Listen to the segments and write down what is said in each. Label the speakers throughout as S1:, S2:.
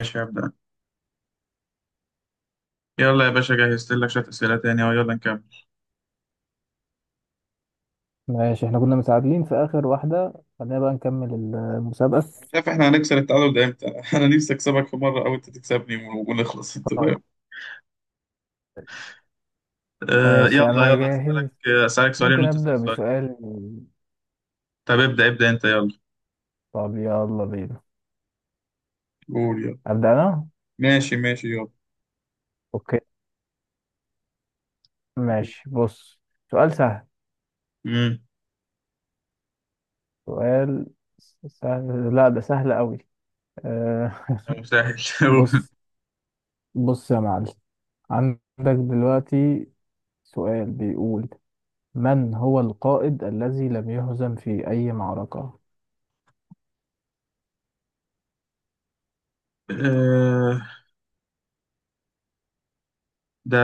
S1: ماشي، هبدأ. يلا يا باشا، جهزت لك شوية أسئلة تاني أهو، يلا نكمل.
S2: ماشي، احنا كنا متعادلين في آخر واحدة. خلينا بقى نكمل المسابقة.
S1: مش عارف احنا هنكسر التعادل ده امتى انا نفسي اكسبك في مره او انت تكسبني ونخلص انت
S2: طيب،
S1: فاهم؟ أه،
S2: ماشي
S1: يلا
S2: أنا
S1: يلا أسألك.
S2: جاهز.
S1: أسألك سؤالين
S2: ممكن
S1: وأنت
S2: أبدأ
S1: تسأل سؤالين.
S2: بسؤال؟
S1: طب ابدأ أنت يلا.
S2: طب يلا بينا.
S1: قول يلا.
S2: أبدأ أنا؟
S1: ماشي يلا.
S2: أوكي. ماشي، بص. سؤال سهل
S1: امم
S2: سؤال سهل لا ده سهل أوي. أه.
S1: يا مسهل
S2: بص بص يا معلم، عندك دلوقتي سؤال بيقول: من هو القائد الذي لم يهزم في أي معركة؟
S1: أه، ده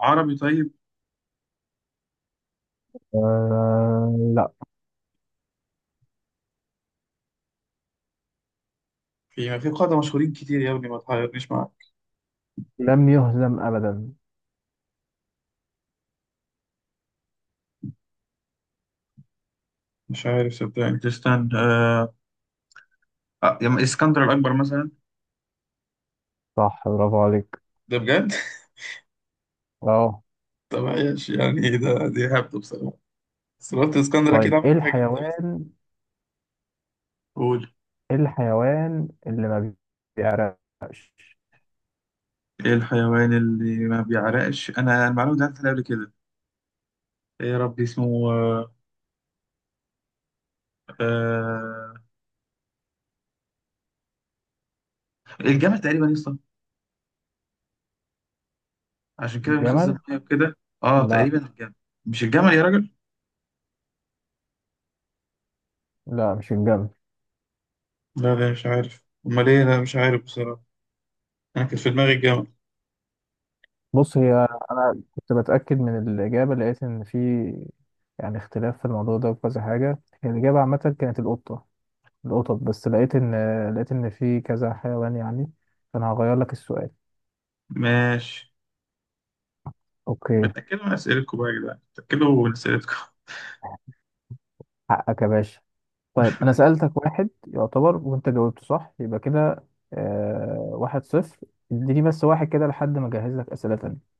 S1: عربي طيب.
S2: أه لا،
S1: في قادة مشهورين كتير يا ابني، ما تحيرنيش معاك.
S2: لم يهزم أبدا.
S1: مش عارف صدقني، تستنى أه آه، يا إما اسكندر الأكبر مثلا.
S2: صح، برافو عليك.
S1: ده بجد.
S2: اه.
S1: طب عايش يعني ايه ده، دي هبده بصراحه. سلطة اسكندر أكيد
S2: طيب،
S1: عمل
S2: ايه
S1: حاجة جامدة مثلا.
S2: الحيوان
S1: قول.
S2: ايه الحيوان اللي ما بيعرقش؟
S1: ايه الحيوان اللي ما بيعرقش؟ انا المعلومه دي عدت عليها قبل كده. ايه يا ربي اسمه آه، الجمل تقريبا يا اسطى، عشان كده بيخزن
S2: الجمل؟
S1: ميه وكده. اه
S2: لا
S1: تقريبا الجمل. مش الجمل يا راجل.
S2: لا، مش الجمل.
S1: لا مش عارف أمال إيه، لا مش عارف بصراحة. أنا كنت في دماغي الجمل.
S2: بص، هي انا كنت بتأكد من الإجابة، لقيت ان في يعني اختلاف في الموضوع ده وكذا حاجة. هي الإجابة عامة كانت القطة، القطط، بس لقيت ان في كذا حيوان يعني، فانا هغير لك السؤال.
S1: ماشي.
S2: اوكي.
S1: متاكدوا من اسئلتكم بقى يا جدعان، متاكدوا من اسئلتكم
S2: حقك يا باشا. طيب، انا سألتك واحد يعتبر وانت جاوبته صح، يبقى كده آه، واحد صفر. اديني بس واحد كده لحد ما اجهز لك اسئله تانية.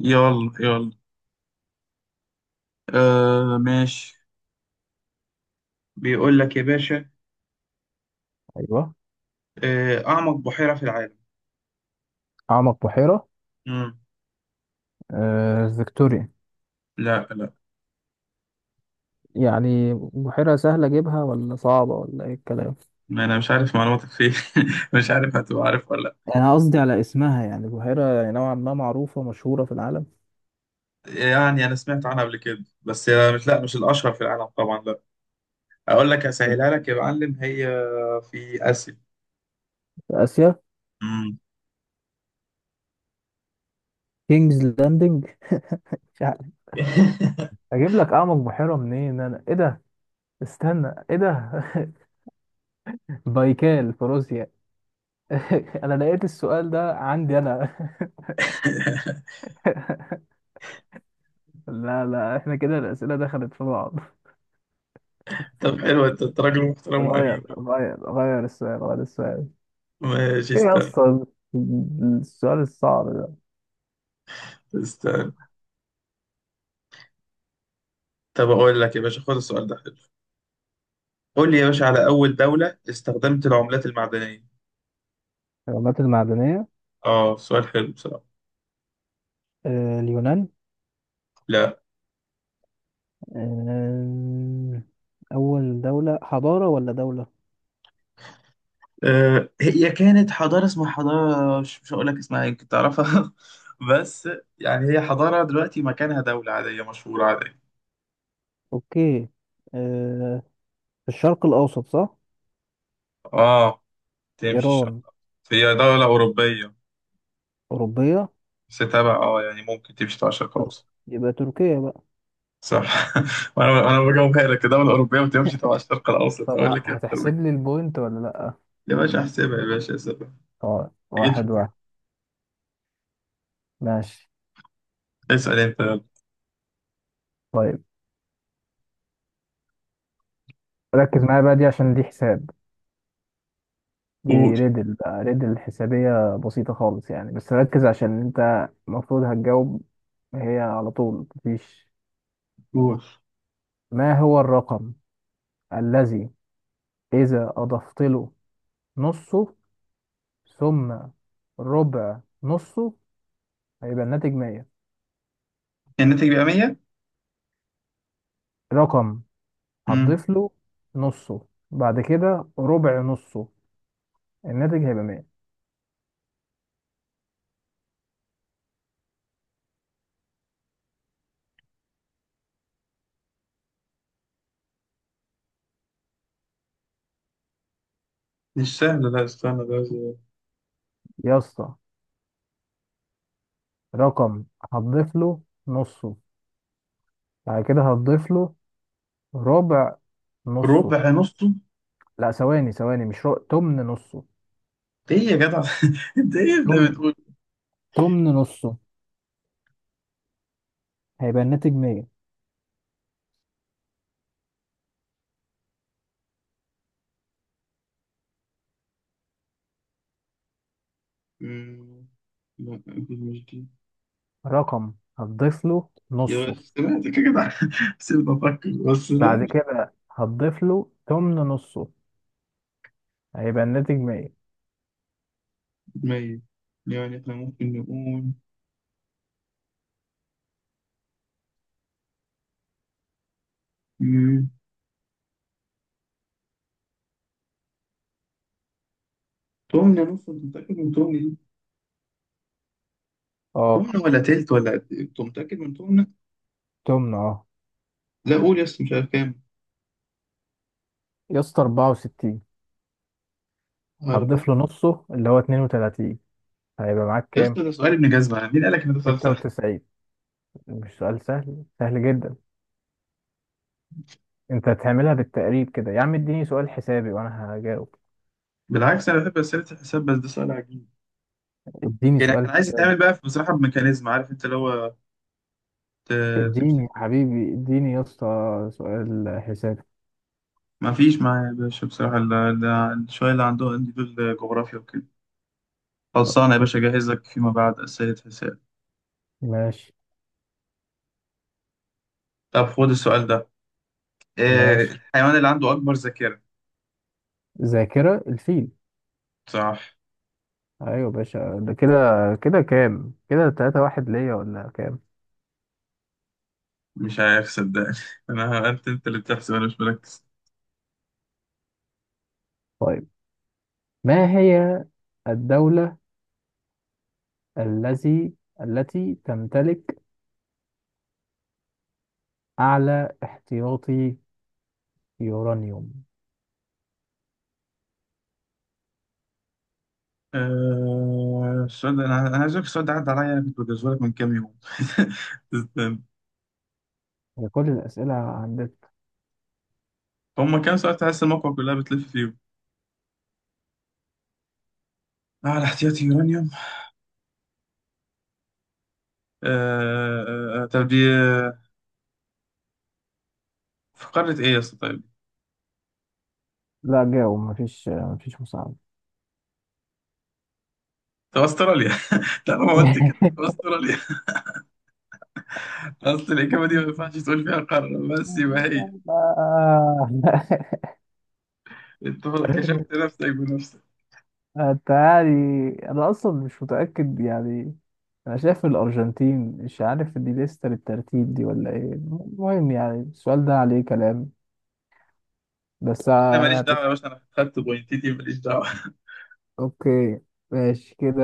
S1: يلا، آه ماشي. بيقول لك يا باشا،
S2: ايوه،
S1: آه، اعمق بحيره في العالم.
S2: اعمق بحيره؟
S1: مم.
S2: آه، فيكتوريا.
S1: لا لا.
S2: يعني بحيره سهله اجيبها ولا صعبه ولا ايه الكلام؟
S1: ما انا مش عارف معلوماتك فيه مش عارف هتبقى عارف ولا لا.
S2: انا قصدي على اسمها، يعني بحيره يعني نوعا ما معروفه مشهوره في العالم.
S1: يعني انا سمعت عنها قبل كده، بس هي مش، لا مش الاشهر في العالم طبعا لا. اقول لك
S2: طب
S1: اسهلها لك يا معلم، هي في اسيا.
S2: في اسيا؟
S1: مم.
S2: كينجز لاندنج؟ مش عارف. اجيب لك اعمق بحيره منين انا، ايه ده، استنى ايه ده. بايكال في روسيا. انا لقيت السؤال ده عندي انا. لا لا، احنا كده الاسئله دخلت في بعض.
S1: طب حلو، انت أنت راجل محترم
S2: غير
S1: وامين بقى.
S2: غير غير السؤال، غير السؤال.
S1: ماشي
S2: ايه
S1: استنى
S2: اصلا السؤال الصعب ده؟
S1: استنى طب اقول لك يا باشا، خد السؤال ده حلو. قول لي يا باشا على اول دولة استخدمت العملات المعدنية.
S2: الحيوانات المعدنية.
S1: اه سؤال حلو بصراحة.
S2: آه، اليونان.
S1: لا.
S2: آه، أول دولة حضارة ولا دولة؟
S1: آه، هي كانت حضارة، اسمها حضارة، مش هقول لك اسمها، يمكن تعرفها بس يعني هي حضارة دلوقتي مكانها دولة عادية مشهورة عادية.
S2: أوكي. آه، في الشرق الأوسط صح؟
S1: اه تمشي الشرق.
S2: إيران.
S1: هي دولة أوروبية،
S2: أوروبية.
S1: بس تبع اه يعني ممكن تمشي تبع الشرق
S2: تركيا.
S1: الأوسط.
S2: يبقى تركيا بقى.
S1: صح وأنا بجاوبها لك دولة أوروبية وتمشي تبع الشرق الأوسط،
S2: طب
S1: أقول لك إيه أكتر من
S2: هتحسب
S1: كده.
S2: لي البوينت ولا لا؟
S1: يا باشا أحسبها، يا باشا أحسبها.
S2: اه،
S1: جيت في
S2: واحد
S1: بالي.
S2: واحد. ماشي.
S1: اسأل أنت يلا.
S2: طيب، ركز معايا بقى، دي عشان دي حساب. دي
S1: قول.
S2: ريدل بقى، ريدل حسابية بسيطة خالص يعني، بس ركز عشان انت المفروض هتجاوب هي على طول، مفيش.
S1: قول.
S2: ما هو الرقم الذي إذا أضفت له نصه، ثم ربع نصه، هيبقى الناتج 100؟
S1: الناتج بيبقى 100.
S2: رقم
S1: مم.
S2: هتضيف له نصه، بعد كده ربع نصه، الناتج هيبقى 100.
S1: مش سهل، لا استنى ده زي-
S2: يا اسطى، رقم هتضيف له نصه، بعد كده هتضيف له ربع نصه.
S1: ربع نصه.
S2: لا، ثواني ثواني، مش تمن نصه.
S1: ايه يا جدع انت ايه ده
S2: تمن
S1: بتقول؟
S2: تمن نصه، هيبقى الناتج 100.
S1: آه، لا أكيد مش دي.
S2: رقم هتضيف له
S1: يا بس
S2: نصه،
S1: سمعتك، سمعتك يا جدع سيبني افكر، بس لا
S2: بعد
S1: مش
S2: كده هتضيف له تمن نصه، هيبقى الناتج 100.
S1: في دماغي. يعني احنا ممكن نقول، مم، تمنة مثلا. أنت متأكد من تمنة دي؟
S2: اه،
S1: تمنة ولا تلت ولا قد إيه؟ أنت متأكد من تمنة؟
S2: تمن، اه.
S1: لا قول يس، مش عارف كام.
S2: يا اسطى، 64
S1: أربعة.
S2: هتضيف له نصه اللي هو 32، هيبقى معاك
S1: يس، ده
S2: كام؟
S1: سؤال، سؤال ابن جزمة. مين قالك ان ده سؤال سهل؟
S2: 96. مش سؤال سهل، سهل جدا. انت هتعملها بالتقريب كده يا عم، اديني سؤال حسابي وانا هجاوب.
S1: بالعكس انا بحب اسئله الحساب، بس ده سؤال عجيب.
S2: اديني
S1: يعني كان
S2: سؤال
S1: عايز
S2: حسابي.
S1: يتعمل بقى في- بصراحه بميكانيزم، عارف انت اللي هو ت-
S2: اديني
S1: تمسكه.
S2: يا حبيبي، اديني يا اسطى سؤال حسابي.
S1: ما فيش معايا يا باشا بصراحة، ال- ده شوية. اللي عندهم عندي دول جغرافيا وكده. خلصانة يا باشا، أجهز لك فيما بعد أسئلة حساب.
S2: ماشي
S1: طب خد السؤال ده. إيه
S2: ماشي.
S1: الحيوان اللي عنده أكبر ذاكرة؟
S2: ذاكرة الفيل.
S1: صح.
S2: ايوه باشا، ده كده. كده كام كده، تلاتة واحد ليا ولا كام؟
S1: مش عارف صدقني أنا أنت أنت اللي بتحسب، أنا مش مركز.
S2: طيب، ما هي الدولة الذي التي تمتلك أعلى احتياطي يورانيوم؟
S1: آه، السؤال ده، أنا عايز أقول لك، السؤال ده عدى عليا، كنت بجهزه لك من كام يوم استنى.
S2: هي كل الأسئلة عندك؟
S1: هما كام سؤال تحس الموقع كلها بتلف فيهم. اه الاحتياطي يورانيوم. طب دي آه، في قارة إيه يا اسطى طيب؟
S2: لا جاوب، مفيش مساعدة.
S1: في أستراليا. طالما قلت كده استراليا. اصل الاجابه دي ما ينفعش تقول فيها قاره بس يبقى هي.
S2: آه.
S1: انت كشفت نفسك بنفسك.
S2: انت يعني، انا اصلا مش متاكد يعني. انا شايف الارجنتين، مش عارف دي لسه بالترتيب دي ولا ايه. المهم يعني السؤال ده عليه كلام، بس
S1: انا
S2: يعني
S1: ماليش دعوه يا
S2: هتضحك.
S1: باشا، انا خدت بوينتيتي ماليش دعوه
S2: اوكي. ماشي كده.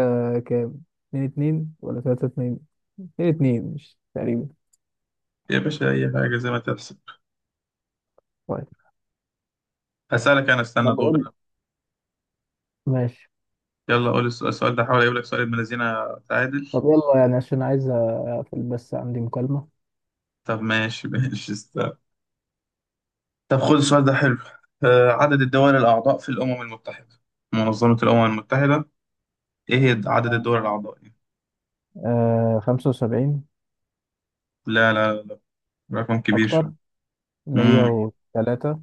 S2: كام؟ اتنين اتنين ولا تلاتة اتنين. اتنين اتنين مش تقريبا.
S1: يا باشا اي حاجه زي ما تحصل.
S2: طيب.
S1: هسالك انا،
S2: ما
S1: استنى دور
S2: بقول.
S1: أنا.
S2: ماشي.
S1: يلا قول السؤال. السؤال ده حاول اجيب لك سؤال ابن الذين. تعادل.
S2: طب يلا يعني عشان عايز اقفل، بس عندي مكالمة.
S1: طب ماشي ماشي استنى. طب خد السؤال ده حلو. آه، عدد الدول الاعضاء في الامم المتحده، منظمه الامم المتحده، ايه هي عدد الدول الاعضاء؟
S2: آه، 75.
S1: لا، رقم كبير شويه.
S2: أكتر؟ مية
S1: امم
S2: وتلاتة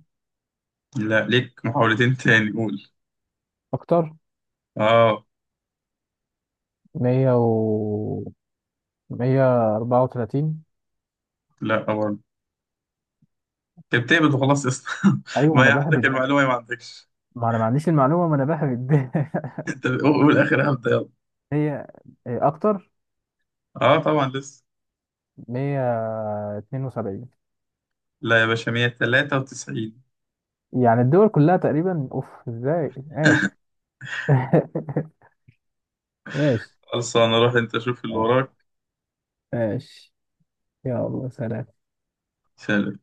S1: لا ليك محاولتين تاني، قول.
S2: أكتر؟
S1: اه.
S2: مية، 134.
S1: لا برضه. كانت بتقبض وخلاص يا اسطى
S2: ايوه، ما
S1: ما هي
S2: انا
S1: عندك
S2: بهبد بقى.
S1: المعلومه يا ما عندكش
S2: ما انا ما عنديش المعلومه، ما انا بهبد.
S1: انت قول اخر هبدا يلا.
S2: هي اكتر.
S1: اه طبعا لسه.
S2: 172.
S1: لا يا باشا، 193.
S2: يعني الدول كلها تقريبا، اوف، ازاي؟ ماشي. ماشي
S1: خلاص انا اروح، انت شوف اللي
S2: ماشي، يلا سلام.
S1: وراك